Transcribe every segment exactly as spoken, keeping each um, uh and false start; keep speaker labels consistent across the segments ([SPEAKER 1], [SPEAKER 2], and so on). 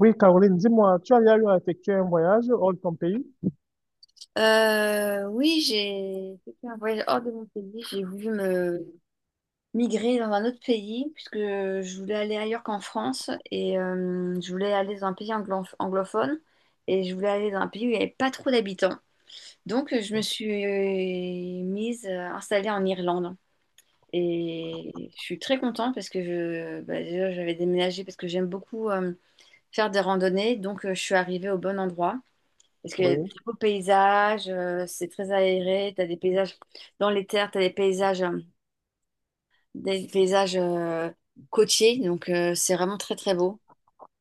[SPEAKER 1] Oui, Caroline, dis-moi, tu as déjà eu à effectuer un voyage hors de ton pays?
[SPEAKER 2] Euh, oui, j'ai j'ai fait un voyage hors de mon pays. J'ai voulu me migrer dans un autre pays puisque je voulais aller ailleurs qu'en France et euh, je voulais aller dans un pays anglo- anglophone et je voulais aller dans un pays où il n'y avait pas trop d'habitants. Donc je me suis euh, mise euh, installée en Irlande et je suis très contente parce que je, bah, déjà j'avais déménagé parce que j'aime beaucoup euh, faire des randonnées donc euh, je suis arrivée au bon endroit. Parce qu'il y a de
[SPEAKER 1] Oui,
[SPEAKER 2] très beaux paysages, euh, c'est très aéré, tu as des paysages dans les terres, tu as des paysages, euh, des paysages euh, côtiers, donc euh, c'est vraiment très très beau.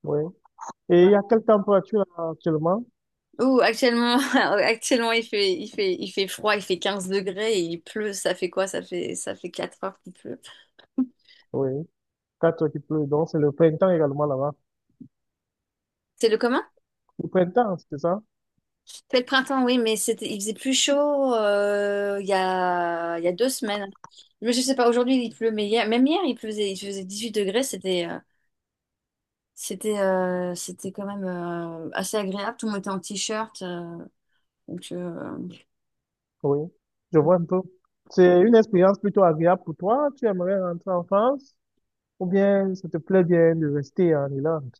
[SPEAKER 1] oui. Et
[SPEAKER 2] Ouais.
[SPEAKER 1] il y a quelle température actuellement?
[SPEAKER 2] Ouh, actuellement, actuellement il fait, il fait, il fait froid, il fait quinze degrés et il pleut, ça fait quoi? Ça fait, ça fait quatre heures qu'il pleut.
[SPEAKER 1] Oui, quatre qui pleut, donc c'est le printemps également là-bas.
[SPEAKER 2] C'est le commun?
[SPEAKER 1] Le printemps, c'est ça?
[SPEAKER 2] C'est le printemps, oui, mais c'était, il faisait plus chaud euh, il y a, il y a deux semaines. Mais je sais pas, aujourd'hui il pleut, mais hier, même hier il faisait, il faisait dix-huit degrés, c'était euh, C'était euh, c'était quand même euh, assez agréable. Tout le monde était en t-shirt. Euh, donc. euh,
[SPEAKER 1] Oui, je vois un peu. C'est une expérience plutôt agréable pour toi? Tu aimerais rentrer en France? Ou bien ça te plaît bien de rester en Irlande?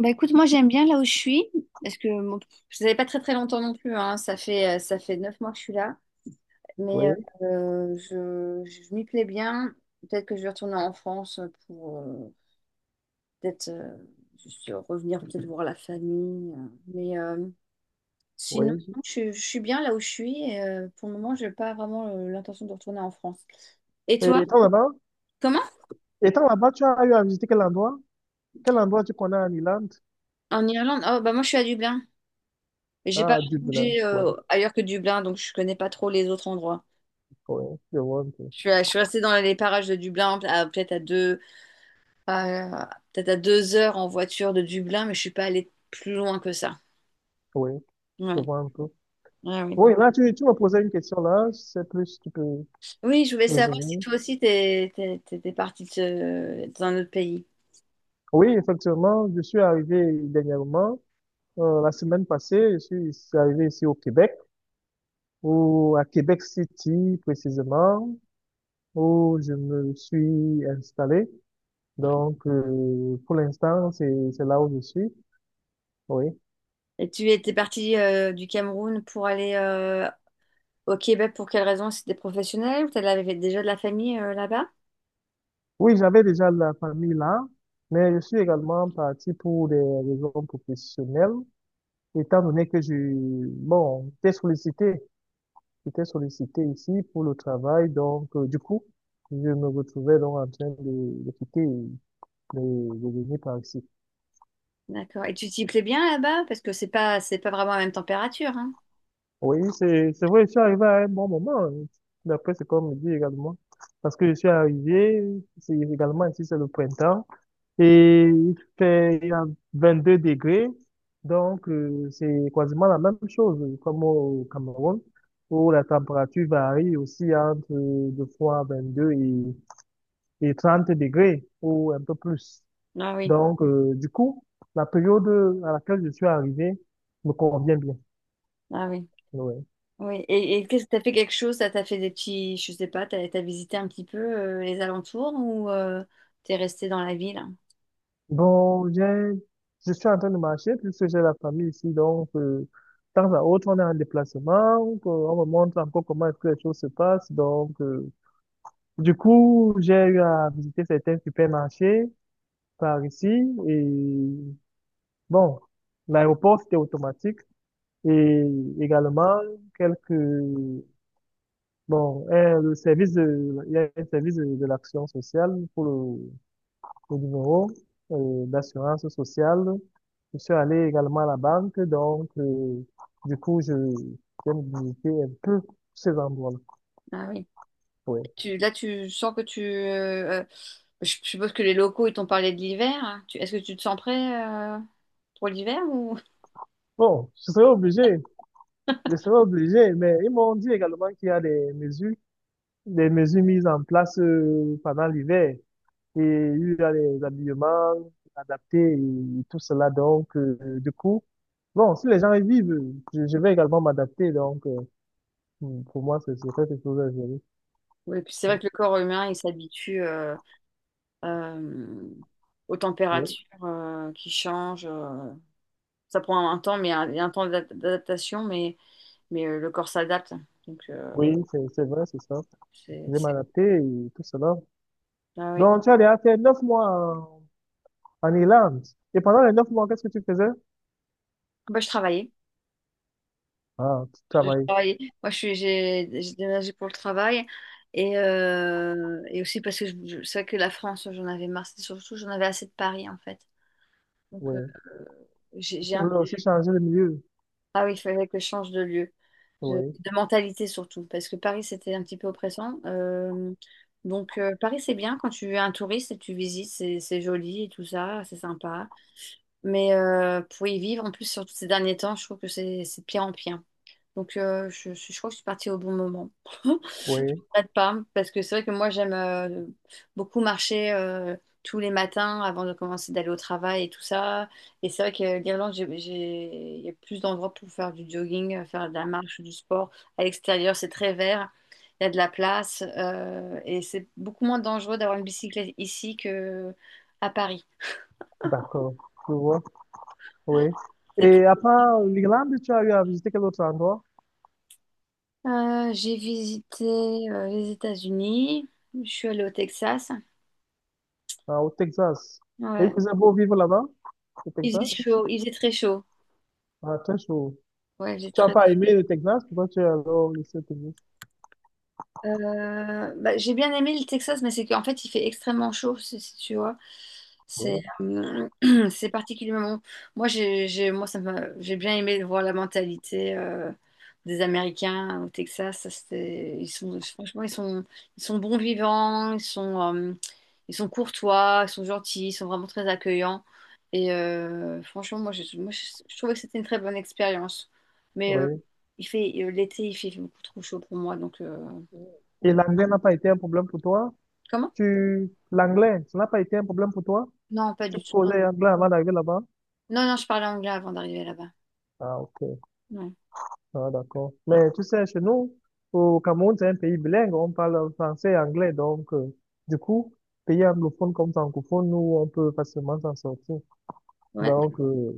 [SPEAKER 2] Bah écoute, moi j'aime bien là où je suis, parce que bon, je n'avais pas très très longtemps non plus. Hein. Ça fait, euh, ça fait neuf mois que je suis là. Mais
[SPEAKER 1] Oui,
[SPEAKER 2] euh, je, je m'y plais bien. Peut-être que je vais retourner en France pour euh, peut-être euh, juste revenir, peut-être voir la famille. euh. Mais euh, sinon,
[SPEAKER 1] oui.
[SPEAKER 2] je, je suis bien là où je suis. Et, euh, pour le moment, je n'ai pas vraiment euh, l'intention de retourner en France. Et
[SPEAKER 1] Et
[SPEAKER 2] toi,
[SPEAKER 1] étant là-bas,
[SPEAKER 2] comment?
[SPEAKER 1] étant là-bas, tu as eu à visiter quel endroit? Quel endroit tu connais en Irlande?
[SPEAKER 2] En Irlande, oh, bah moi je suis à Dublin. Et j'ai pas
[SPEAKER 1] Ah, Dublin.
[SPEAKER 2] bougé
[SPEAKER 1] Oui,
[SPEAKER 2] euh, ailleurs que Dublin, donc je connais pas trop les autres endroits.
[SPEAKER 1] oui, je vois un peu.
[SPEAKER 2] Je suis, à- je suis restée dans les parages de Dublin, à- peut-être à deux, à- peut-être à deux heures en voiture de Dublin, mais je suis pas allée plus loin que ça.
[SPEAKER 1] Oui, je
[SPEAKER 2] Ouais,
[SPEAKER 1] vois un peu.
[SPEAKER 2] ouais, oui.
[SPEAKER 1] Oui, là, tu, tu me posais une question là, c'est plus, si tu peux
[SPEAKER 2] Oui, je voulais savoir si
[SPEAKER 1] revenir.
[SPEAKER 2] toi aussi t'es, t'es, t'étais partie de ce- dans un autre pays.
[SPEAKER 1] Oui, effectivement, je suis arrivé dernièrement, euh, la semaine passée, je suis ici- arrivé ici au Québec, ou à Québec City précisément, où je me suis installé. Donc, euh, pour l'instant, c'est, c'est là où je suis. Oui.
[SPEAKER 2] Et tu étais partie euh, du Cameroun pour aller euh, au Québec pour quelle raison? C'était professionnel ou t'avais déjà de la famille euh, là-bas?
[SPEAKER 1] Oui, j'avais déjà la famille là, mais je suis également parti pour des raisons professionnelles, étant donné que je, bon, j'étais sollicité J'étais sollicité ici pour le travail, donc euh, du coup, je me retrouvais donc en train de, de quitter et de venir par ici.
[SPEAKER 2] D'accord. Et tu t'y plais bien là-bas? Parce que c'est pas, c'est pas vraiment la même température, hein.
[SPEAKER 1] Oui, c'est c'est vrai, je suis arrivé à un bon moment, hein, d'après ce qu'on me dit également, parce que je suis arrivé, c'est également ici, c'est le printemps, et il fait il y a vingt-deux degrés, donc euh, c'est quasiment la même chose comme au Cameroun, où la température varie aussi entre euh, de fois vingt-deux et et trente degrés ou un peu plus.
[SPEAKER 2] Ah oui,
[SPEAKER 1] Donc, euh, du coup, la période à laquelle je suis arrivé me convient bien.
[SPEAKER 2] ah oui,
[SPEAKER 1] Ouais.
[SPEAKER 2] oui. Et, et qu'est-ce que t'as fait quelque chose? Ça t'a fait des petits, je sais pas, t'as, t'as visité un petit peu euh, les alentours ou euh, t'es resté dans la ville?
[SPEAKER 1] Bon, j'ai, je suis en train de marcher puisque j'ai la famille ici. Donc, euh, de temps à autre, on est en déplacement. Donc, euh, on me montre encore comment est-ce que les choses se passent. Donc, euh, du coup, j'ai eu à visiter certains supermarchés par ici. Et bon, l'aéroport, c'était automatique. Et également, quelques... Bon, euh, le service de, il y a un service de, de l'action sociale pour le, le numéro euh, d'assurance sociale. Je suis allé également à la banque, donc euh, du coup, je vais me visiter un peu ces endroits-là.
[SPEAKER 2] Ah oui.
[SPEAKER 1] Ouais.
[SPEAKER 2] Tu, là, tu sens que tu, euh, euh, je je suppose que les locaux ils t'ont parlé de l'hiver. Hein. Tu- Est-ce que tu te sens prêt euh, pour l'hiver ou?
[SPEAKER 1] Bon, je serai obligé, je serai obligé, mais ils m'ont dit également qu'il y a des mesures, des mesures mises en place euh, pendant l'hiver. Et il y a des habillements adaptés et tout cela, donc euh, du coup. Bon, si les gens y vivent, je, je vais également m'adapter. Donc, euh, hmm, pour moi, c'est c'est quelque chose à gérer.
[SPEAKER 2] Oui, puis c'est vrai que le corps humain il s'habitue euh, euh, aux
[SPEAKER 1] Oui,
[SPEAKER 2] températures euh, qui changent. euh, Ça prend un temps, mais un, un temps d'adap- d'adaptation, mais, mais euh, le corps s'adapte. Donc, euh,
[SPEAKER 1] oui, c'est c'est vrai, c'est ça.
[SPEAKER 2] c'est,
[SPEAKER 1] Je vais
[SPEAKER 2] c'est-
[SPEAKER 1] m'adapter et tout cela.
[SPEAKER 2] Ah oui.
[SPEAKER 1] Donc, tu as déjà fait neuf mois en, en Irlande. Et pendant les neuf mois, qu'est-ce que tu faisais?
[SPEAKER 2] Bah, je travaillais.
[SPEAKER 1] Ah, tu
[SPEAKER 2] Je, je
[SPEAKER 1] travaillais.
[SPEAKER 2] travaillais. Moi, je suis, j'ai, j'ai déménagé pour le travail. Et, euh, et aussi parce que je, je- c'est vrai que la France, j'en avais marre. C'est Surtout, j'en avais assez de Paris, en fait. Donc, euh,
[SPEAKER 1] Oui.
[SPEAKER 2] j'ai, j'ai
[SPEAKER 1] Tu
[SPEAKER 2] un...
[SPEAKER 1] voulais aussi changer de milieu.
[SPEAKER 2] Ah oui, il fallait que je change de lieu. Je-
[SPEAKER 1] Oui,
[SPEAKER 2] De mentalité, surtout. Parce que Paris, c'était un petit peu oppressant. Euh, donc, euh, Paris, c'est bien quand tu es un touriste et tu visites. C'est c'est joli et tout ça. C'est sympa. Mais euh, pour y vivre, en plus, surtout ces derniers temps, je trouve que c'est c'est de pire en pire. Donc, euh, je, je, je crois que je suis partie au bon moment. Je ne
[SPEAKER 1] oui,
[SPEAKER 2] regrette pas, parce que c'est vrai que moi, j'aime euh, beaucoup marcher euh, tous les matins avant de commencer d'aller au travail et tout ça. Et c'est vrai que l'Irlande, j'ai, j'ai- il y a plus d'endroits pour faire du jogging, euh, faire de la marche, du sport. À l'extérieur, c'est très vert, il y a de la place. Euh, et c'est beaucoup moins dangereux d'avoir une bicyclette ici que à Paris.
[SPEAKER 1] d'accord. Je vois. Oui. Et à part l'Irlande, tu as eu à visiter quel autre endroit?
[SPEAKER 2] Euh, j'ai visité euh, les États-Unis. Je suis allée au Texas.
[SPEAKER 1] Ah, au Texas. Et il
[SPEAKER 2] Ouais.
[SPEAKER 1] faisait beau vivre là-bas, au
[SPEAKER 2] Il faisait
[SPEAKER 1] Texas?
[SPEAKER 2] chaud, il faisait très chaud.
[SPEAKER 1] Ah, très chaud.
[SPEAKER 2] Ouais, j'ai
[SPEAKER 1] Tu n'as
[SPEAKER 2] très.
[SPEAKER 1] pas aimé le Texas? Pourquoi tu es alors laissé au Texas?
[SPEAKER 2] Euh, bah, j'ai bien aimé le Texas, mais c'est qu'en fait, il fait extrêmement chaud, si, si tu vois. C'est
[SPEAKER 1] Oui,
[SPEAKER 2] euh, c'est particulièrement. Moi, j'ai, j'ai- moi, ça m'a- J'ai bien aimé de voir la mentalité euh, des Américains au Texas. Ça, c'était- ils sont, franchement, ils sont, ils sont bons vivants, ils sont, euh, ils sont courtois, ils sont gentils, ils sont vraiment très accueillants. Et euh, franchement, moi, je, moi, je, je trouvais que c'était une très bonne expérience. Mais euh,
[SPEAKER 1] oui.
[SPEAKER 2] il fait, euh, l'été, il fait beaucoup trop chaud pour moi. Donc, euh,
[SPEAKER 1] Et
[SPEAKER 2] donc-
[SPEAKER 1] l'anglais n'a pas été un problème pour toi?
[SPEAKER 2] comment?
[SPEAKER 1] Tu, l'anglais, ça n'a pas été un problème pour toi?
[SPEAKER 2] Non, pas
[SPEAKER 1] Tu
[SPEAKER 2] du tout.
[SPEAKER 1] causais anglais avant d'arriver là-bas?
[SPEAKER 2] Non, non, je parlais anglais avant d'arriver là-bas.
[SPEAKER 1] Ah, ok.
[SPEAKER 2] Ouais.
[SPEAKER 1] Ah, d'accord. Mais tu sais, chez nous, au Cameroun, c'est un pays bilingue. On parle français et anglais. Donc, euh, du coup, pays anglophone comme francophone, nous, on peut facilement s'en sortir.
[SPEAKER 2] Ouais.
[SPEAKER 1] Donc, euh,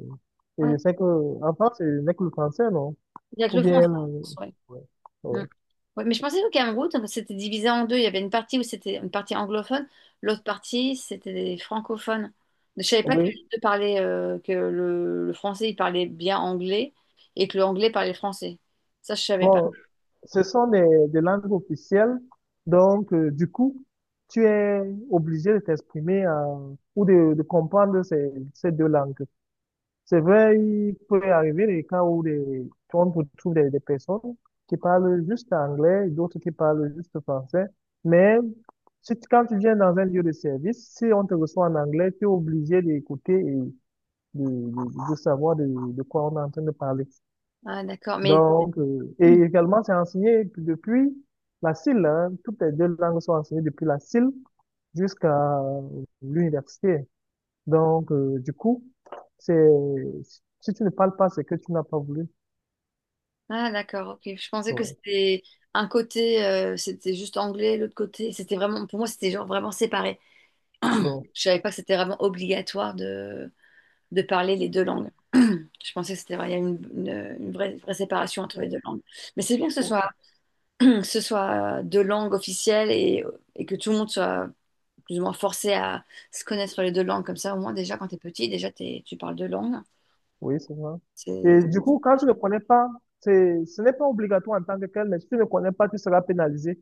[SPEAKER 1] et
[SPEAKER 2] Ouais.
[SPEAKER 1] je sais que, en France, c'est n'est que le français, non?
[SPEAKER 2] Il y a que
[SPEAKER 1] Ou
[SPEAKER 2] le franc, je
[SPEAKER 1] bien, euh,
[SPEAKER 2] pense, ouais. Mm.
[SPEAKER 1] ouais,
[SPEAKER 2] Ouais, mais je pensais qu'au Cameroun, donc, c'était divisé en deux. Il y avait une partie où c'était une partie anglophone, l'autre partie, c'était des francophones. Je savais pas que
[SPEAKER 1] ouais.
[SPEAKER 2] les deux parlaient, euh, que le, le français, il parlait bien anglais et que le anglais parlait français. Ça, je savais pas.
[SPEAKER 1] Bon, ce sont des, des langues officielles, donc euh, du coup, tu es obligé de t'exprimer euh, ou de, de comprendre ces, ces deux langues. C'est vrai, il peut arriver des cas où des, on retrouve des, des personnes qui parlent juste anglais, d'autres qui parlent juste français, mais si tu- quand tu viens dans un lieu de service, si on te reçoit en anglais, tu es obligé d'écouter et de, de, de savoir de, de quoi on est en train de parler.
[SPEAKER 2] Ah, d'accord. Mais...
[SPEAKER 1] Donc, euh, et également, c'est enseigné depuis la C I L, hein. Toutes les deux langues sont enseignées depuis la C I L jusqu'à l'université. Donc, euh, du coup, c'est si tu ne parles pas, c'est que tu n'as pas voulu.
[SPEAKER 2] Ah, d'accord, ok. Je pensais que
[SPEAKER 1] Ouais.
[SPEAKER 2] c'était un côté, euh, c'était juste anglais, l'autre côté, c'était vraiment, pour moi, c'était genre vraiment séparé.
[SPEAKER 1] Donc,
[SPEAKER 2] Je savais pas que c'était vraiment obligatoire de, de parler les deux langues. Je pensais que c'était vrai, il y a une, une- une vraie, vraie séparation entre les deux langues. Mais c'est bien que ce soit, que ce soit deux langues officielles et, et que tout le monde soit plus ou moins forcé à se connaître les deux langues. Comme ça, au moins, déjà, quand tu es petit, déjà, t'es- tu parles deux langues.
[SPEAKER 1] oui, c'est ça. Et
[SPEAKER 2] C'est...
[SPEAKER 1] du coup, quand tu ne connais pas, c'est, ce n'est pas obligatoire en tant que tel, mais si tu ne connais pas, tu seras pénalisé.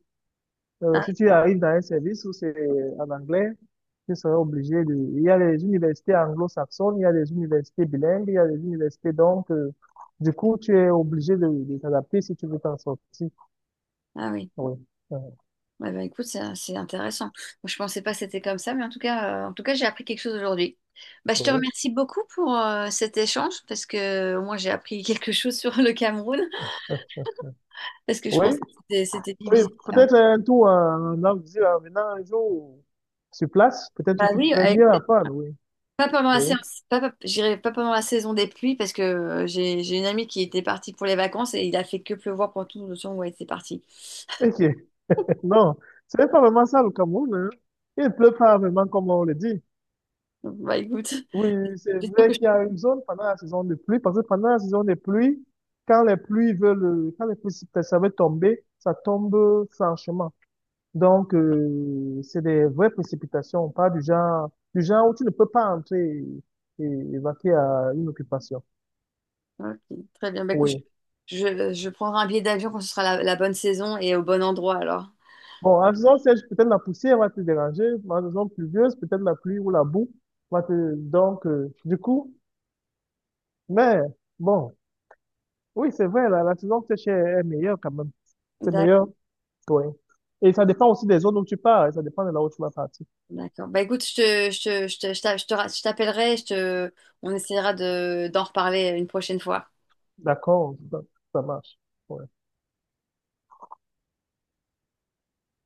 [SPEAKER 1] Euh,
[SPEAKER 2] Ah,
[SPEAKER 1] si tu arrives dans un service où c'est en anglais, tu seras obligé de... Il y a les universités anglo-saxonnes, il y a les universités bilingues, il y a les universités donc... euh, du coup, tu es obligé de, de t'adapter si tu veux t'en sortir.
[SPEAKER 2] ah oui.
[SPEAKER 1] Oui. Euh,
[SPEAKER 2] Ouais, bah, écoute, c'est c'est intéressant. Moi, je pensais pas que c'était comme ça, mais en tout cas, euh, en tout cas, j'ai appris quelque chose aujourd'hui. Bah, je te
[SPEAKER 1] oui.
[SPEAKER 2] remercie beaucoup pour euh, cet échange parce que au moins j'ai appris quelque chose sur le Cameroun parce que je
[SPEAKER 1] Oui.
[SPEAKER 2] pensais que c'était c'était
[SPEAKER 1] Oui.
[SPEAKER 2] divisé. Hein.
[SPEAKER 1] Peut-être un tour en, en Afrique, en venant un jour sur place, peut-être que
[SPEAKER 2] Bah
[SPEAKER 1] tu
[SPEAKER 2] oui,
[SPEAKER 1] pourrais mieux apprendre. Oui.
[SPEAKER 2] pas pendant la
[SPEAKER 1] Oui.
[SPEAKER 2] séance, pas, pas- j'irai pas pendant la saison des pluies parce que euh, j'ai j'ai une amie qui était partie pour les vacances et il a fait que pleuvoir pendant tout le temps où elle était partie.
[SPEAKER 1] Ok. Non. Ce n'est pas vraiment ça le Cameroun, hein. Il ne pleut pas vraiment comme on le dit.
[SPEAKER 2] Donc, bah écoute,
[SPEAKER 1] Oui, oui, c'est
[SPEAKER 2] j'espère que
[SPEAKER 1] vrai
[SPEAKER 2] je...
[SPEAKER 1] qu'il y a une zone pendant la saison de pluie, parce que pendant la saison de pluie, quand les pluies veulent, euh, quand les pluies veulent tomber, ça tombe euh, franchement. Donc, euh, c'est des vraies précipitations, pas du genre, du genre où tu ne peux pas entrer et, et évacuer à une occupation.
[SPEAKER 2] Ok, très bien. Bah écoute, je,
[SPEAKER 1] Oui.
[SPEAKER 2] je, je prendrai un billet d'avion quand ce sera la, la bonne saison et au bon endroit alors.
[SPEAKER 1] Bon, en saison sèche, peut-être la poussière va te déranger, mais en saison pluvieuse, peut-être la pluie ou la boue va te, donc, euh, du coup, mais bon, oui, c'est vrai, la, la saison sèche est est meilleure quand même. C'est
[SPEAKER 2] D'ac-
[SPEAKER 1] meilleur. Oui. Et ça dépend aussi des zones où tu pars, et ça dépend de là où tu vas partir.
[SPEAKER 2] D'accord. Bah écoute, je te, je te, je te, je t'a- je te ra- je t'appellerai, je te, on essaiera de, d'en reparler une prochaine fois.
[SPEAKER 1] D'accord? Ça, ça marche. Ouais.